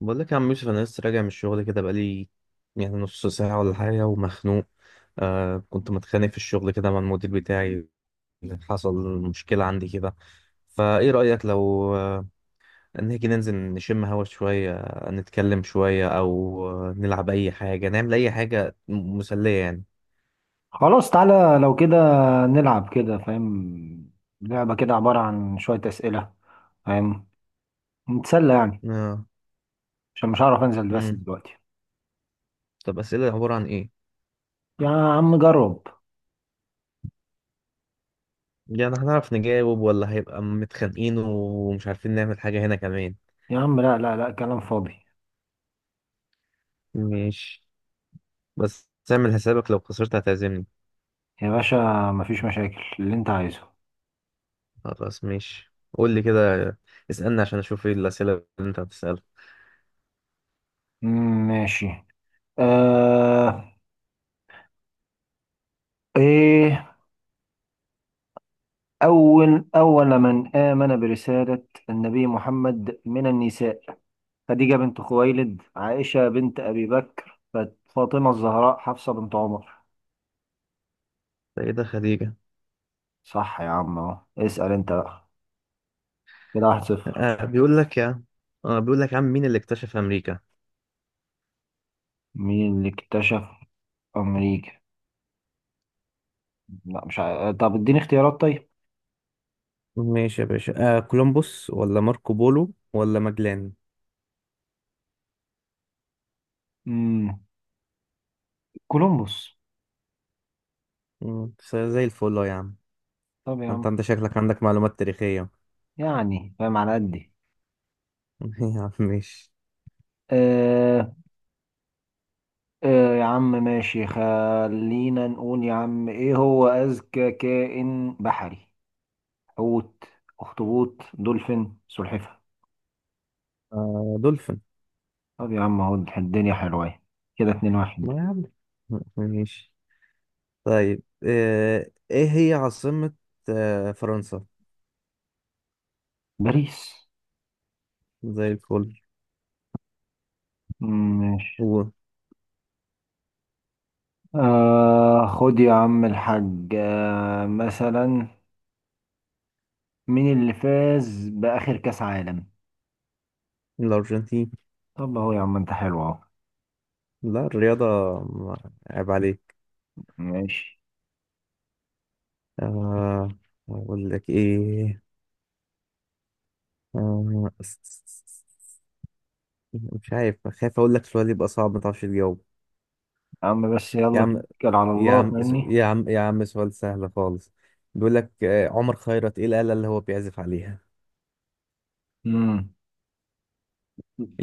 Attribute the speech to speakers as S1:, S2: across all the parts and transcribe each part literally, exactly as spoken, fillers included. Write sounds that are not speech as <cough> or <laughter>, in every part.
S1: بقول لك يا عم يوسف، انا لسه راجع من الشغل كده بقالي يعني نص ساعه ولا حاجه ومخنوق. آه، كنت متخانق في الشغل كده مع المدير بتاعي. حصل مشكله عندي كده. فايه رايك لو آه نيجي ننزل نشم هوا شويه، آه، نتكلم شويه او آه نلعب اي حاجه، نعمل اي حاجه م- مسليه يعني.
S2: خلاص، تعالى لو كده نلعب كده، فاهم. لعبة كده عبارة عن شوية أسئلة، فاهم. نتسلى يعني،
S1: اه.
S2: عشان مش هعرف أنزل بس
S1: امم
S2: دلوقتي.
S1: طب اسئله عباره عن ايه؟
S2: يا عم جرب.
S1: يعني هنعرف نجاوب ولا هيبقى متخانقين ومش عارفين نعمل حاجه هنا كمان؟
S2: يا عم لا لا لا، كلام فاضي.
S1: ماشي، بس تعمل حسابك لو خسرت هتعزمني.
S2: يا باشا، مفيش مشاكل اللي أنت عايزه.
S1: خلاص ماشي، قول لي كده. اسألني عشان اشوف ايه الأسئلة اللي انت هتسألها.
S2: مم، ماشي. آه إيه أول أول من آمن برسالة النبي محمد من النساء؟ خديجة بنت خويلد، عائشة بنت أبي بكر، فاطمة الزهراء، حفصة بنت عمر؟
S1: ده ايه ده؟ خديجة.
S2: صح يا عم اهو، اسأل انت بقى. كده واحد صفر.
S1: آه بيقول لك يا، اه بيقول لك يا عم، مين اللي اكتشف أمريكا؟
S2: مين اللي اكتشف امريكا؟ لا، مش عارف. طب اديني اختيارات طيب.
S1: ماشي يا باشا، آه كولومبوس ولا ماركو بولو ولا ماجلان؟
S2: امم كولومبوس.
S1: مم، س- زي الفل أهو يا عم.
S2: طب يا
S1: انت
S2: عم.
S1: انت شكلك عندك معلومات تاريخية.
S2: يعني فاهم على قدي.
S1: <laughs> يا عم ماشي.
S2: آه، آه، يا عم ماشي، خلينا نقول، يا عم، ايه هو اذكى كائن بحري؟ حوت، اخطبوط، دولفين، سلحفاة؟
S1: آه، دولفين.
S2: طب يا عم اهو، الدنيا حلوة أهي. كده اتنين واحد.
S1: ما يا عم، ماشي. طيب، آه ايه هي عاصمة آه فرنسا؟
S2: باريس.
S1: زي الفل.
S2: مم، ماشي.
S1: هو
S2: آه خد يا عم الحاج، آه مثلا، مين اللي فاز بآخر كأس عالم؟
S1: الأرجنتين.
S2: طب اهو يا عم، انت حلو اهو.
S1: لا الرياضة، ما- عيب عليك.
S2: ماشي.
S1: آه أقول لك إيه؟ آه مش عارف، خايف أقول لك سؤال يبقى صعب ما تعرفش تجاوب.
S2: يا عم بس
S1: يا
S2: يلا
S1: عم،
S2: توكل على
S1: يا
S2: الله
S1: عم،
S2: فاهمني.
S1: يا عم يا عم سؤال سهل خالص. بيقول لك آه، عمر خيرت إيه الآلة اللي هو بيعزف عليها؟
S2: امم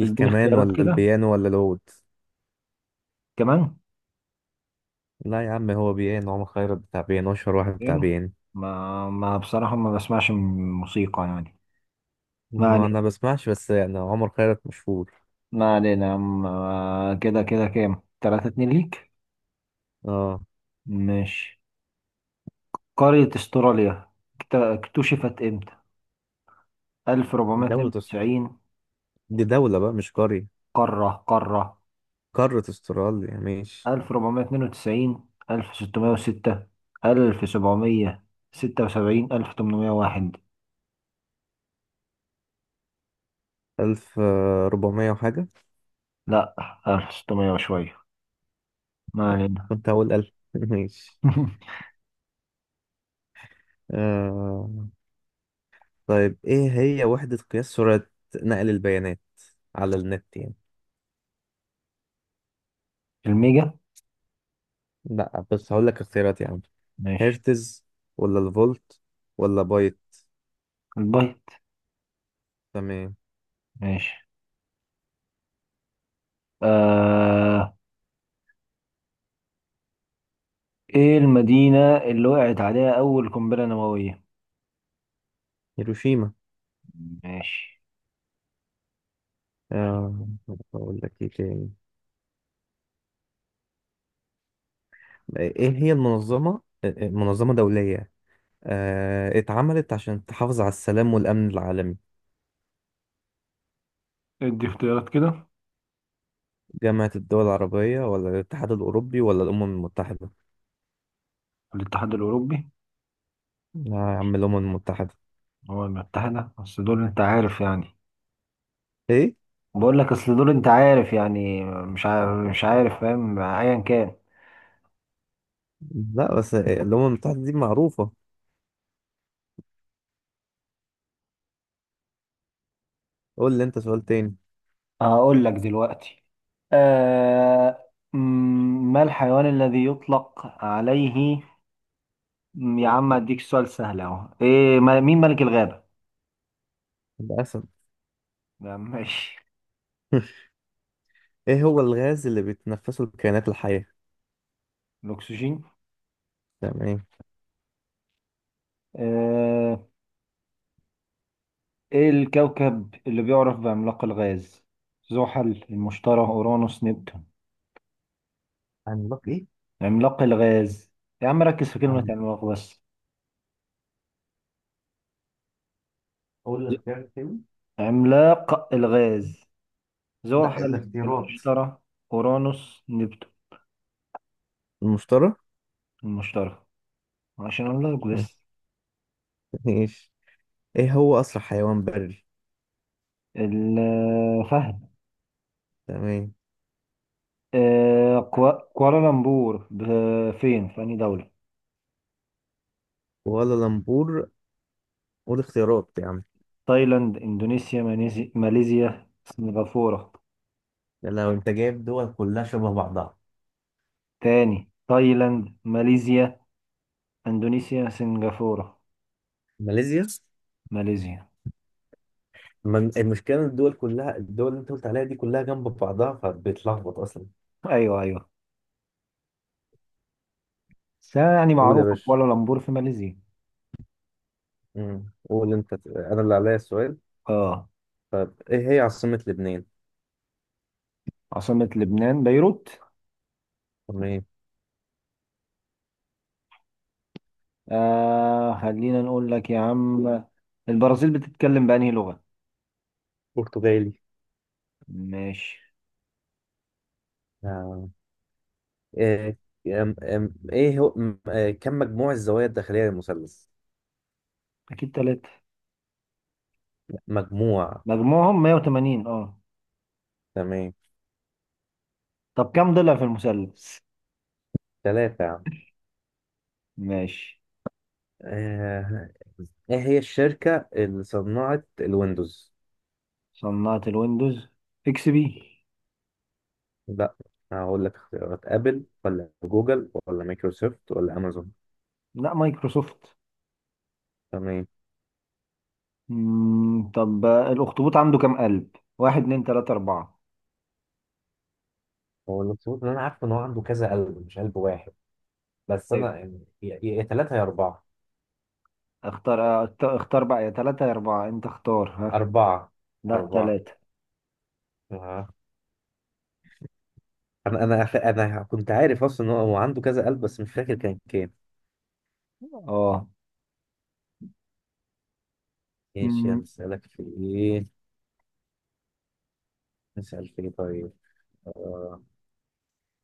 S2: تديني اختيارات
S1: ولا
S2: كده؟
S1: البيانو ولا العود؟
S2: كمان.
S1: لا يا عم، هو بيانو. عمر خيرت بتاع بيانو، أشهر واحد بتاع
S2: يعني،
S1: بيانو.
S2: ما ما بصراحة ما بسمعش م- موسيقى يعني. ما
S1: ما
S2: علينا،
S1: أنا بسمعش، بس يعني عمر خيرت مشهور.
S2: ما علينا يا عم، آه، كده كده كام؟ تلاتة اتنين ليك.
S1: آه
S2: ماشي. قارة استراليا اكت- اكتشفت امتى؟
S1: دولة أس-
S2: الف واربعمية اتنين وتسعين؟
S1: دي دولة بقى مش قرية.
S2: قارة، قارة.
S1: قارة استراليا ماشي.
S2: الف واربعمئة واثنين وتسعين، الف وستمئة وستة، الف وسبعمية ستة وسبعين، الف وتمنمية وواحد؟
S1: ألف، آه، ربعمية وحاجة.
S2: لا، الف وستمية وشوية. ما علينا.
S1: كنت هقول ألف <laughs> ماشي.
S2: <laughs>
S1: آه... طيب، إيه هي وحدة قياس سرعة نقل البيانات على النت يعني؟
S2: الميجا.
S1: لأ بس هقول لك اختيارات يا عم.
S2: ماشي.
S1: هرتز ولا الفولت ولا بايت؟
S2: البايت.
S1: تمام.
S2: ماشي. آه... ايه المدينة اللي وقعت عليها أول قنبلة نووية؟
S1: هيروشيما.
S2: ماشي.
S1: آه... أقول لك إيه تاني؟ إيه هي المنظمة، آه، آه، منظمة دولية آه... اتعملت عشان تحافظ على السلام والأمن العالمي؟
S2: ادي اختيارات كده.
S1: جامعة الدول العربية ولا الاتحاد الأوروبي ولا الأمم المتحدة؟
S2: الاتحاد الأوروبي.
S1: لا يا عم، الأمم المتحدة.
S2: هو المتحدة، بس دول انت عارف يعني.
S1: إيه؟
S2: بقول لك، اصل دول انت عارف يعني، مش عارف مش عارف فاهم، ايا كان.
S1: لا بس إيه، الأمم المتحدة دي معروفة. قول لي أنت سؤال تاني.
S2: هقول لك دلوقتي. آه مم، ما الحيوان الذي يطلق عليه. مم، يا عم اديك سؤال سهل اهو، ايه ما- مين ملك الغابة؟
S1: للأسف.
S2: لا، ماشي.
S1: <laughs> إيه هو الغاز اللي بتتنفسه الكائنات الحية؟
S2: الاكسجين.
S1: تمام.
S2: آه ايه الكوكب اللي بيعرف بعملاق الغاز؟ زحل، المشتري، اورانوس، نبتون؟
S1: عملاق ايه؟
S2: عملاق الغاز. يا عم ركز في كلمة
S1: عم،
S2: عملاق بس.
S1: قول الاختيار التاني.
S2: عملاق الغاز.
S1: لا،
S2: زحل،
S1: الاختيارات.
S2: المشتري، اورانوس، نبتون.
S1: المشتري.
S2: المشتري. عشان اقول لك بس.
S1: ماشي. إيه هو أسرع حيوان بري؟
S2: الفهد.
S1: تمام.
S2: آه، كوا- كوالالمبور ب- فين؟ في أنهي دولة؟
S1: ولا لمبور. قول اختيارات يا عم.
S2: تايلاند، إندونيسيا، ماليزي- ماليزيا، سنغافورة؟
S1: يا لو أنت جايب دول كلها شبه بعضها.
S2: تاني: تايلاند، ماليزيا، إندونيسيا، سنغافورة.
S1: ماليزيا.
S2: ماليزيا.
S1: من المشكله إن الدول كلها، الدول اللي انت قلت عليها دي كلها جنب بعضها، فبتلخبط اصلا.
S2: أيوه، أيوه، بس يعني
S1: قول يا
S2: معروفة
S1: باشا.
S2: كوالالمبور في ماليزيا.
S1: امم قول انت، انا اللي عليا السؤال.
S2: اه.
S1: طب ايه هي عاصمة لبنان؟
S2: عاصمة لبنان بيروت.
S1: تمام.
S2: آه خلينا نقول لك يا عم، البرازيل بتتكلم بأنهي لغة؟
S1: برتغالي.
S2: ماشي.
S1: آه. آه، أم- أم- ايه هو م- آه، كم مجموع الزوايا الداخلية للمثلث؟
S2: أكيد تلاتة.
S1: مجموعه.
S2: مجموعهم مائة وثمانين، اه.
S1: تمام.
S2: طب كم ضلع في المثلث؟
S1: ثلاثة يا عم.
S2: ماشي.
S1: آه، ايه هي الشركة اللي صنعت الويندوز؟
S2: صناعة الويندوز اكس بي.
S1: لا، هقول لك اختيارات. ابل ولا جوجل ولا مايكروسوفت ولا امازون؟
S2: لا، مايكروسوفت.
S1: تمام.
S2: مم، طب الاخطبوط عنده كم قلب؟ واحد، اتنين، تلاتة، اربعة؟
S1: هو الاخطبوط اللي انا عارفه ان هو عنده كذا قلب، مش قلب واحد. بس
S2: ايوه.
S1: انا يعني يا يا ثلاثه يا اربعه.
S2: اختار أخت- اختار بقى، يا تلاتة يا اربعة، انت اختار، ها.
S1: اربعه.
S2: لا،
S1: اربعه.
S2: تلاتة.
S1: آه. انا انا ف- انا كنت عارف اصلا ان هو هو عنده كذا قلب، بس مش فاكر كان كام.
S2: اه.
S1: ماشي،
S2: مم،
S1: هنسالك في ايه؟ نسال في ايه طيب؟ آه.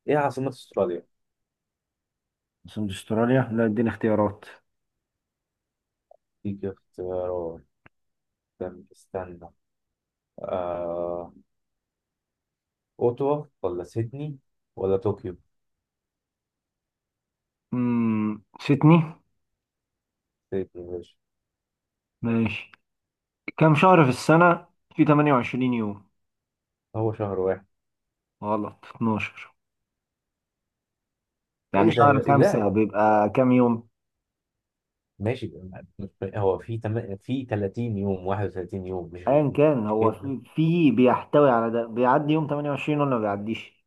S1: ايه عاصمه استراليا؟
S2: سند استراليا، لا، اديني اختيارات.
S1: دي اختيارات. استنى استنى. آه. اوتوا ولا سيدني ولا طوكيو؟
S2: مم، سيدني.
S1: سيدني يا باشا.
S2: ماشي. كم شهر في السنة في تمنية وعشرين يوم؟
S1: هو شهر واحد.
S2: غلط. اثنا عشر.
S1: ايه
S2: يعني
S1: ده
S2: شهر
S1: يا،
S2: خمسة
S1: لا.
S2: بيبقى كم يوم؟
S1: ماشي، مش- هو في، تم... في ثلاثين يوم، واحد وثلاثين يوم، مش
S2: ايا كان،
S1: مش
S2: هو
S1: كده.
S2: في في بيحتوي على ده، بيعدي يوم تمنية وعشرين ولا ما بيعديش.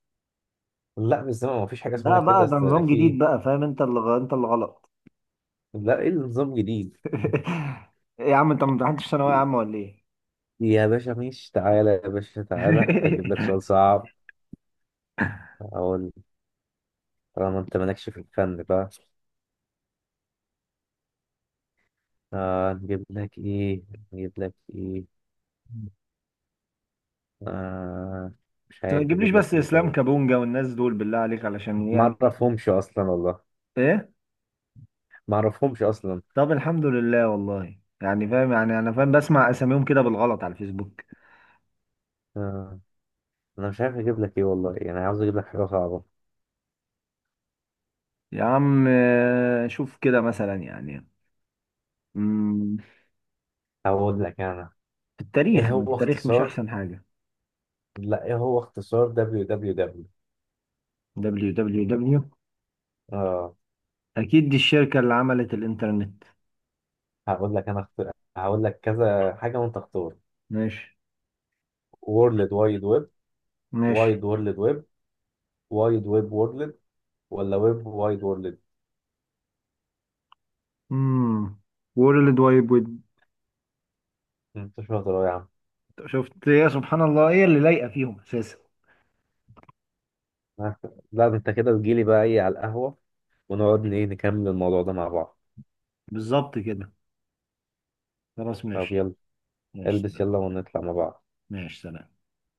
S1: لا بس ما فيش حاجه اسمها
S2: لا
S1: كده.
S2: بقى، ده
S1: اصل
S2: نظام
S1: في
S2: جديد
S1: إيه؟
S2: بقى، فاهم؟ انت اللي غ- انت اللي غلط.
S1: لا، ايه النظام الجديد؟
S2: <laughs> إيه يا عم، انت ما امتحنتش ثانويه عامه ولا ايه؟
S1: يا باشا ماشي، تعالى يا باشا، تعالى اجيب لك
S2: <laughs>
S1: سؤال صعب. اقول، طالما انت مالكش في الفن بقى، آه نجيب لك ايه؟ نجيب لك ايه؟ آه مش
S2: انت ما
S1: عارف
S2: تجيبليش
S1: اجيب
S2: بس
S1: لك ايه
S2: اسلام
S1: طيب.
S2: كابونجا والناس دول، بالله عليك، علشان
S1: ما
S2: يعني ايه؟
S1: اعرفهمش اصلا والله.
S2: إيه؟
S1: ما اعرفهمش اصلا.
S2: طب الحمد لله، والله يعني فاهم، يعني انا فاهم، بسمع اساميهم كده بالغلط على الفيسبوك.
S1: آه انا مش عارف اجيب لك ايه والله، يعني عاوز اجيب لك حاجه صعبه.
S2: يا عم آه، شوف كده مثلا يعني. مم،
S1: هقول لك انا،
S2: في التاريخ،
S1: ايه
S2: ما
S1: هو
S2: التاريخ مش
S1: اختصار،
S2: احسن حاجه؟
S1: لا ايه هو اختصار دبليو دبليو دبليو؟
S2: www.
S1: اه.
S2: اكيد دي الشركة اللي عملت الانترنت.
S1: هقول لك انا اخت... هقول لك كذا حاجه وانت اختار.
S2: ماشي.
S1: وورلد وايد ويب،
S2: ماشي.
S1: وايد وورلد ويب، وايد ويب وورلد، ولا ويب وايد وورلد؟
S2: امم وورلد وايد ويب.
S1: انت شاطر أوي يا عم.
S2: شفت إيه؟ يا سبحان الله، ايه اللي لايقة فيهم اساسا.
S1: آه، لا ده انت كده تجيلي بقى ايه على القهوه، ونقعد ن- ايه نكمل الموضوع ده مع بعض.
S2: بالظبط كده. خلاص
S1: طب
S2: ماشي.
S1: يلا.
S2: ماشي
S1: البس
S2: سلام.
S1: يلا ونطلع مع بعض.
S2: ماشي سلام.